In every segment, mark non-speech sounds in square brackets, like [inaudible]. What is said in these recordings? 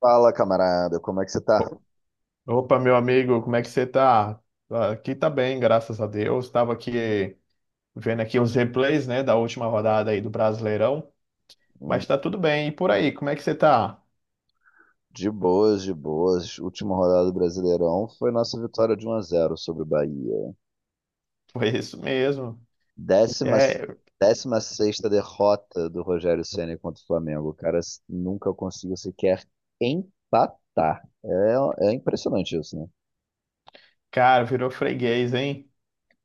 Fala, camarada, como é que você tá? O- Opa, meu amigo, como é que você tá? Ah, aqui tá bem, graças a Deus. Estava aqui vendo aqui os replays, né, da última rodada aí do Brasileirão, Hum, mas tá tudo bem. E por aí, como é que você tá? De boas, de boas. Última rodada do Brasileirão foi nossa vitória de um a zero sobre o Bahia. [laughs] Foi isso mesmo. Décima, É, décima sexta derrota do Rogério Ceni contra o Flamengo. O cara nunca conseguiu sequer empatar. É, é impressionante isso, né? cara, virou freguês, hein?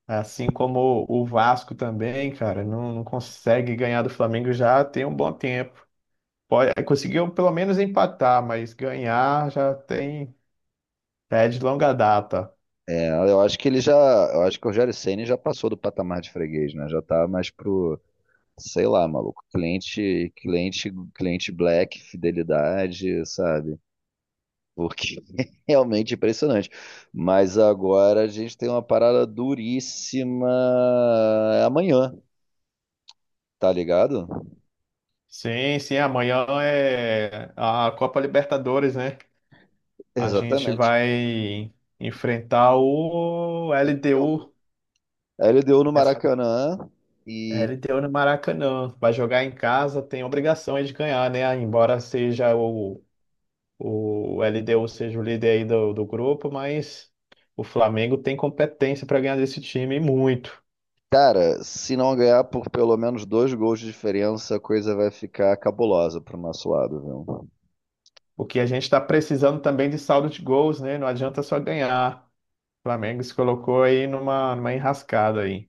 Assim como o Vasco também, cara, não consegue ganhar do Flamengo já tem um bom tempo. Pode, conseguiu pelo menos empatar, mas ganhar já tem, é de longa data. Eu acho que eu acho que o Rogério Ceni já passou do patamar de freguês, né? Já tá mais pro, sei lá, maluco, cliente, cliente black, fidelidade, sabe? Porque [laughs] é realmente impressionante. Mas agora a gente tem uma parada duríssima amanhã, tá ligado? Sim, sim, amanhã é a Copa Libertadores, né? A gente Exatamente. vai enfrentar o LDU, A LDU no mas Maracanã e, LDU no Maracanã. Vai jogar em casa, tem obrigação aí de ganhar, né? Embora seja o LDU seja o líder aí do grupo, mas o Flamengo tem competência para ganhar desse time e muito. cara, se não ganhar por pelo menos dois gols de diferença, a coisa vai ficar cabulosa pro nosso lado, viu? O que a gente está precisando também de saldo de gols, né? Não adianta só ganhar. O Flamengo se colocou aí numa enrascada aí.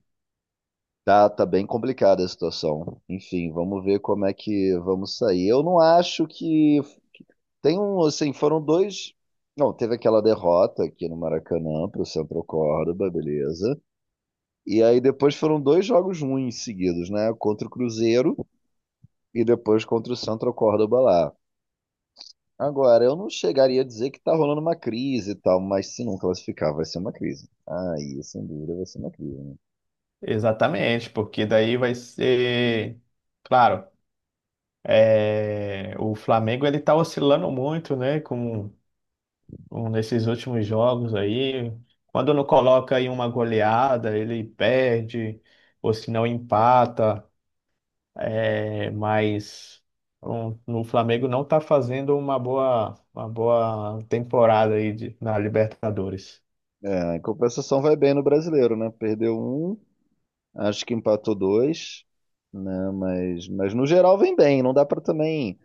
Tá bem complicada a situação. Enfim, vamos ver como é que vamos sair. Eu não acho que Tem um, assim, foram dois. Não, teve aquela derrota aqui no Maracanã para o Central Córdoba, beleza. E aí depois foram dois jogos ruins seguidos, né? Contra o Cruzeiro e depois contra o Central Córdoba lá. Agora, eu não chegaria a dizer que tá rolando uma crise e tal, mas se não classificar, vai ser uma crise. Aí, sem dúvida, vai ser uma crise, né? Exatamente, porque daí vai ser, claro, é, o Flamengo ele tá oscilando muito, né, com nesses últimos jogos aí. Quando não coloca aí uma goleada, ele perde, ou se não empata, é, mas um, o Flamengo não tá fazendo uma boa temporada aí na Libertadores. É, em compensação, vai bem no brasileiro, né? Perdeu um, acho que empatou dois, né? Mas no geral, vem bem. Não dá para também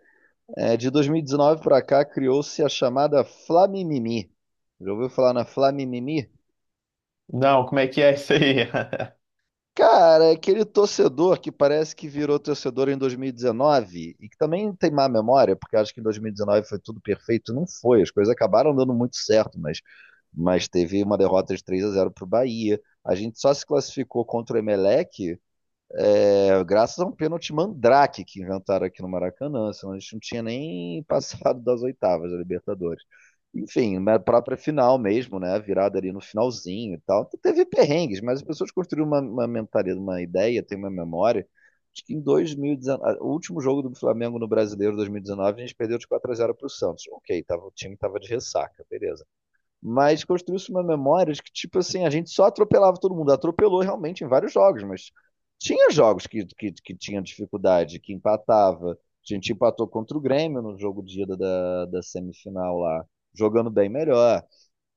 É, de 2019 para cá criou-se a chamada Flamimimi. Já ouviu falar na Flamimimi? Não, como é que é isso aí? [laughs] Cara, é aquele torcedor que parece que virou torcedor em 2019 e que também tem má memória, porque acho que em 2019 foi tudo perfeito. Não foi, as coisas acabaram dando muito certo, mas teve uma derrota de 3-0 para o Bahia. A gente só se classificou contra o Emelec, é, graças a um pênalti mandrake que inventaram aqui no Maracanã, senão a gente não tinha nem [laughs] passado das oitavas da Libertadores. Enfim, na própria final mesmo, né? A virada ali no finalzinho e tal. Então, teve perrengues, mas as pessoas construíram uma mentalidade, uma ideia, tem uma memória. Acho que em 2019, o último jogo do Flamengo no Brasileiro 2019, a gente perdeu de 4-0 para o Santos. Ok, o time estava de ressaca, beleza, mas construiu-se uma memória de que, tipo assim, a gente só atropelava todo mundo. Atropelou realmente em vários jogos, mas tinha jogos que tinha dificuldade, que empatava. A gente empatou contra o Grêmio no jogo dia da semifinal lá, jogando bem melhor.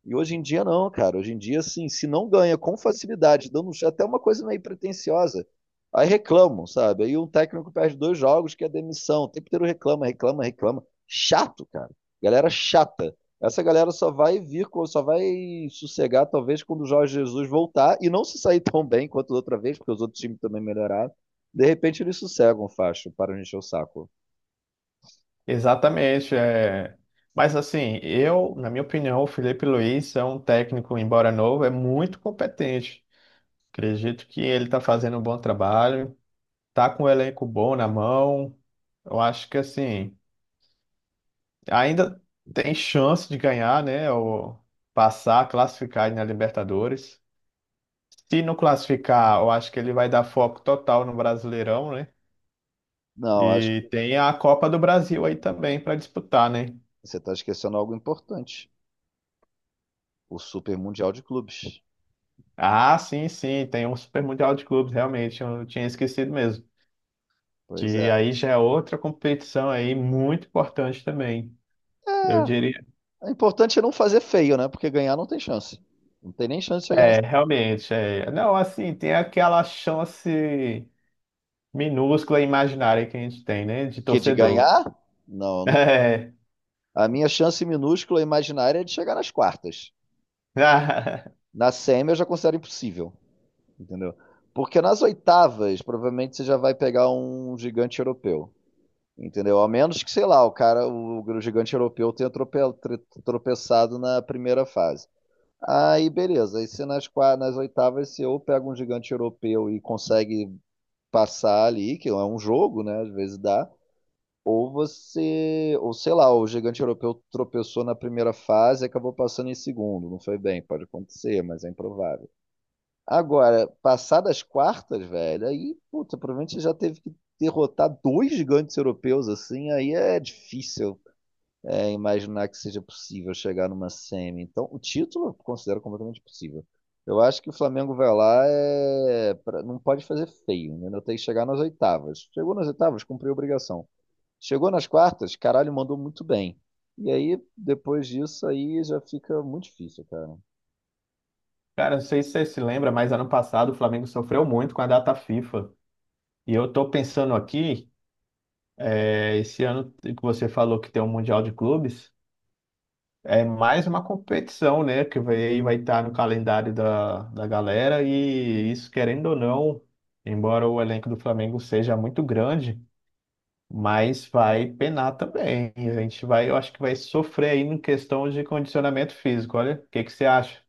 E hoje em dia não, cara. Hoje em dia, assim, se não ganha com facilidade, dando até uma coisa meio pretensiosa, aí reclamam, sabe? Aí um técnico perde dois jogos que é demissão. O tempo inteiro reclama. Chato, cara. Galera chata. Essa galera só vai só vai sossegar, talvez, quando o Jorge Jesus voltar e não se sair [laughs] tão bem quanto da outra vez, porque os outros times também melhoraram. De repente eles sossegam, facho, para de encher o saco. Exatamente, é. Mas assim, eu, na minha opinião, o Felipe Luiz é um técnico, embora novo, é muito competente. Acredito que ele está fazendo um bom trabalho, tá com o elenco bom na mão. Eu acho que assim, ainda tem chance de ganhar, né? Ou passar, classificar na Libertadores. Se não classificar, eu acho que ele vai dar foco total no Brasileirão, né? Não, acho que E tem a Copa do Brasil aí também para disputar, né? você está esquecendo algo importante. O Super Mundial de Clubes. Ah, sim, sim, tem um Super Mundial de Clubes, realmente, eu tinha esquecido mesmo. Pois é. Que aí já é outra competição aí muito importante também. Eu É, diria, o importante é não fazer feio, né? Porque ganhar não tem chance. Não tem nem chance de chegar nas. é, realmente, é. Não, assim, tem aquela chance minúscula e imaginária que a gente tem, né, de Que de torcedor. ganhar? Não, não tem. É. A minha chance minúscula imaginária é de chegar nas quartas. [laughs] Na semi eu já considero impossível, entendeu? Porque nas oitavas, provavelmente você já vai pegar um gigante europeu, entendeu? A menos que, sei lá, o cara, o gigante europeu tenha tropeçado na primeira fase. Aí, beleza. Aí, se nas oitavas, se eu pego um gigante europeu e consegue passar ali, que é um jogo, né? Às vezes dá. Ou sei lá, o gigante europeu tropeçou na primeira fase e acabou passando em segundo. Não foi bem, pode acontecer, mas é improvável. Agora, passar das quartas, velho, aí, puta, provavelmente já teve que derrotar dois gigantes europeus assim, aí é difícil imaginar que seja possível chegar numa semi. Então, o título eu considero completamente possível. Eu acho que o Flamengo vai lá, é, não pode fazer feio, né? Tem que chegar nas oitavas. Chegou nas oitavas, cumpriu a obrigação. Chegou nas quartas, caralho, mandou muito bem. E aí, depois disso, aí já fica muito difícil, cara. Cara, não sei se você se lembra, mas ano passado o Flamengo sofreu muito com a data FIFA. E eu tô pensando aqui, é, esse ano que você falou que tem um Mundial de Clubes, é mais uma competição, né, que vai estar no calendário da galera e isso, querendo ou não, embora o elenco do Flamengo seja muito grande, mas vai penar também. E a gente vai, eu acho que vai sofrer aí em questão de condicionamento físico. Olha, o que que você acha?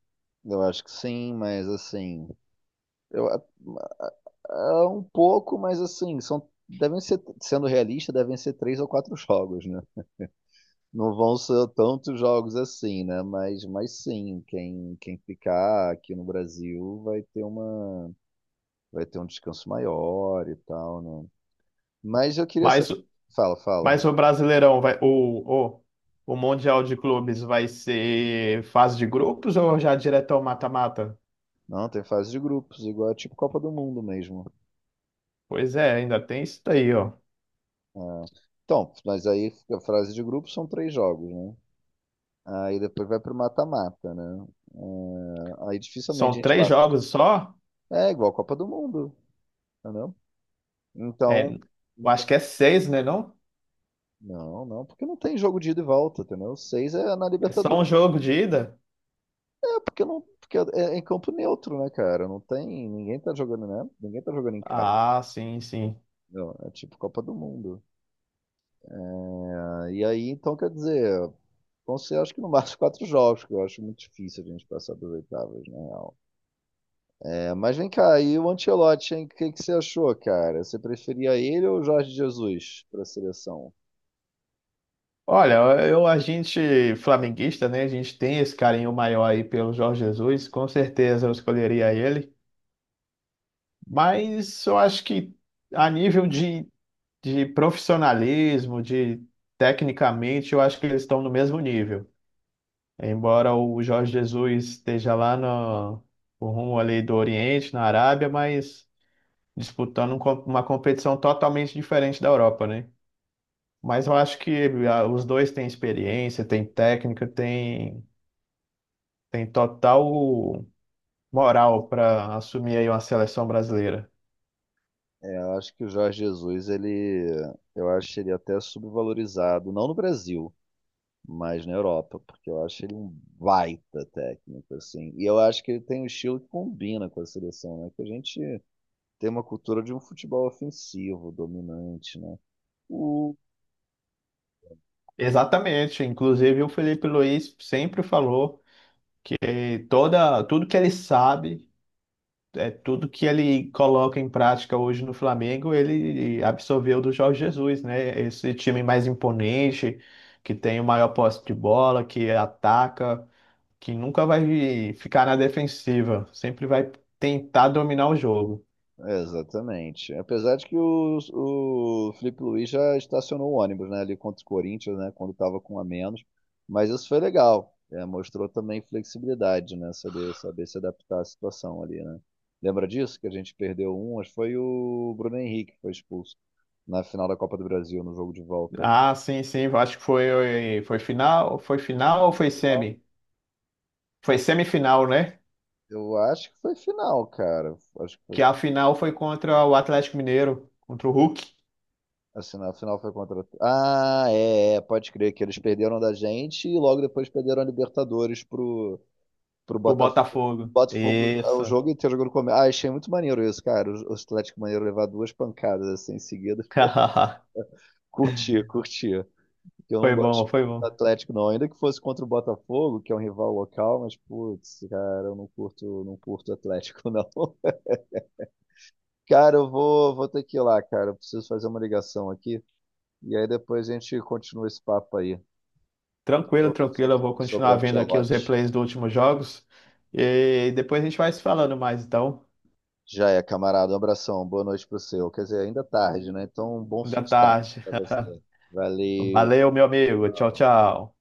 Eu acho que sim, mas assim, eu, é um pouco, mas assim, são, devem ser, sendo realista, devem ser três ou quatro jogos, né? Não vão ser tantos jogos assim, né? Mas sim, quem ficar aqui no Brasil vai ter vai ter um descanso maior e tal, né? Mas eu queria Mas, saber. Fala, fala. mas o Brasileirão vai, o Mundial de Clubes vai ser fase de grupos ou já direto ao mata-mata? Não, tem fase de grupos, igual é tipo Copa do Mundo mesmo. Pois é, ainda tem isso daí, ó. É. Então, mas aí a fase de grupos são três jogos, né? Aí depois vai pro mata-mata, né? É, aí dificilmente a São gente três passa. jogos só? É igual a Copa do Mundo, entendeu? É, Então. eu acho que é seis, né, não? Não, não, porque não tem jogo de ida e volta, entendeu? Seis é na É só um Libertadores. jogo de ida? É, porque não, porque é em campo neutro, né, cara? Não tem, ninguém tá jogando, né? Ninguém tá jogando em casa. Ah, sim, sim. Entendeu? É tipo Copa do Mundo. Ah, e aí, então, quer dizer, vão ser acho que no máximo [laughs] quatro jogos, que eu acho muito difícil a gente passar das oitavas, na real. É, mas vem cá, e o Ancelotti, hein? O que que você achou, cara? Você preferia ele ou o Jorge Jesus pra seleção? Olha, eu, a gente flamenguista, né? A gente tem esse carinho maior aí pelo Jorge Jesus. Com certeza eu escolheria ele. Mas eu acho que a nível de profissionalismo, de tecnicamente, eu acho que eles estão no mesmo nível. Embora o Jorge Jesus esteja lá no rumo ali do Oriente, na Arábia, mas disputando uma competição totalmente diferente da Europa, né? Mas eu acho que ah, os dois têm experiência, têm técnica, têm total moral para assumir aí uma seleção brasileira. É, eu acho que o Jorge Jesus, eu acho ele até subvalorizado, não no Brasil, mais na Europa, porque eu acho ele um baita técnico, assim. E eu acho que ele tem um estilo que combina com a seleção, né? Que a gente tem uma cultura de um futebol ofensivo, dominante, né? O... Exatamente, inclusive o Felipe Luiz sempre falou que toda, tudo que ele sabe, é tudo que ele coloca em prática hoje no Flamengo, ele absorveu do Jorge Jesus, né? Esse time mais imponente, que tem o maior posse de bola, que ataca que nunca vai ficar na defensiva, sempre vai tentar dominar o jogo. é, exatamente. Apesar de que o Felipe Luiz já estacionou o ônibus, né? Ali contra o Corinthians, né? Quando estava com um a menos. Mas isso foi legal. É, mostrou também flexibilidade, né? Saber se adaptar à situação ali, né? Lembra disso? Que a gente perdeu um, acho que foi o Bruno Henrique que foi expulso na final da Copa do Brasil, no jogo de volta. Ah, sim, sim, eu acho que foi, foi final ou Foi foi final? semi? Foi semifinal, né? Eu acho que foi final, cara. Acho que foi. Que a final foi contra o Atlético Mineiro, contra o Hulk, Assim, na final foi contra. Ah, é, é, pode crer que eles perderam da gente e logo depois perderam a Libertadores pro, pro o Botafogo. Botafogo. Botafogo, ah, Isso. o jogo inteiro jogando com. Ah, achei muito maneiro isso, cara. O Atlético Mineiro levar duas pancadas assim em seguida. [laughs] Curtia, curtia. Eu não Foi gosto bom, foi do bom. Atlético, não. Ainda que fosse contra o Botafogo, que é um rival local, mas, putz, cara, eu não curto, não curto o Atlético, [laughs] não. Cara, eu vou ter que ir lá, cara. Eu preciso fazer uma ligação aqui. E aí depois a gente continua esse papo aí. Quero Tranquilo, ouvir sua tranquilo, eu vou opinião sobre o continuar vendo aqui os Ancelotti. replays dos últimos jogos e depois a gente vai se falando mais, então. Já é, camarada. Um abração. Boa noite pro seu. Quer dizer, ainda é tarde, né? Então, um bom fim Ainda de tarde tarde. pra [laughs] você. Valeu. Valeu, meu amigo. Tchau, tchau.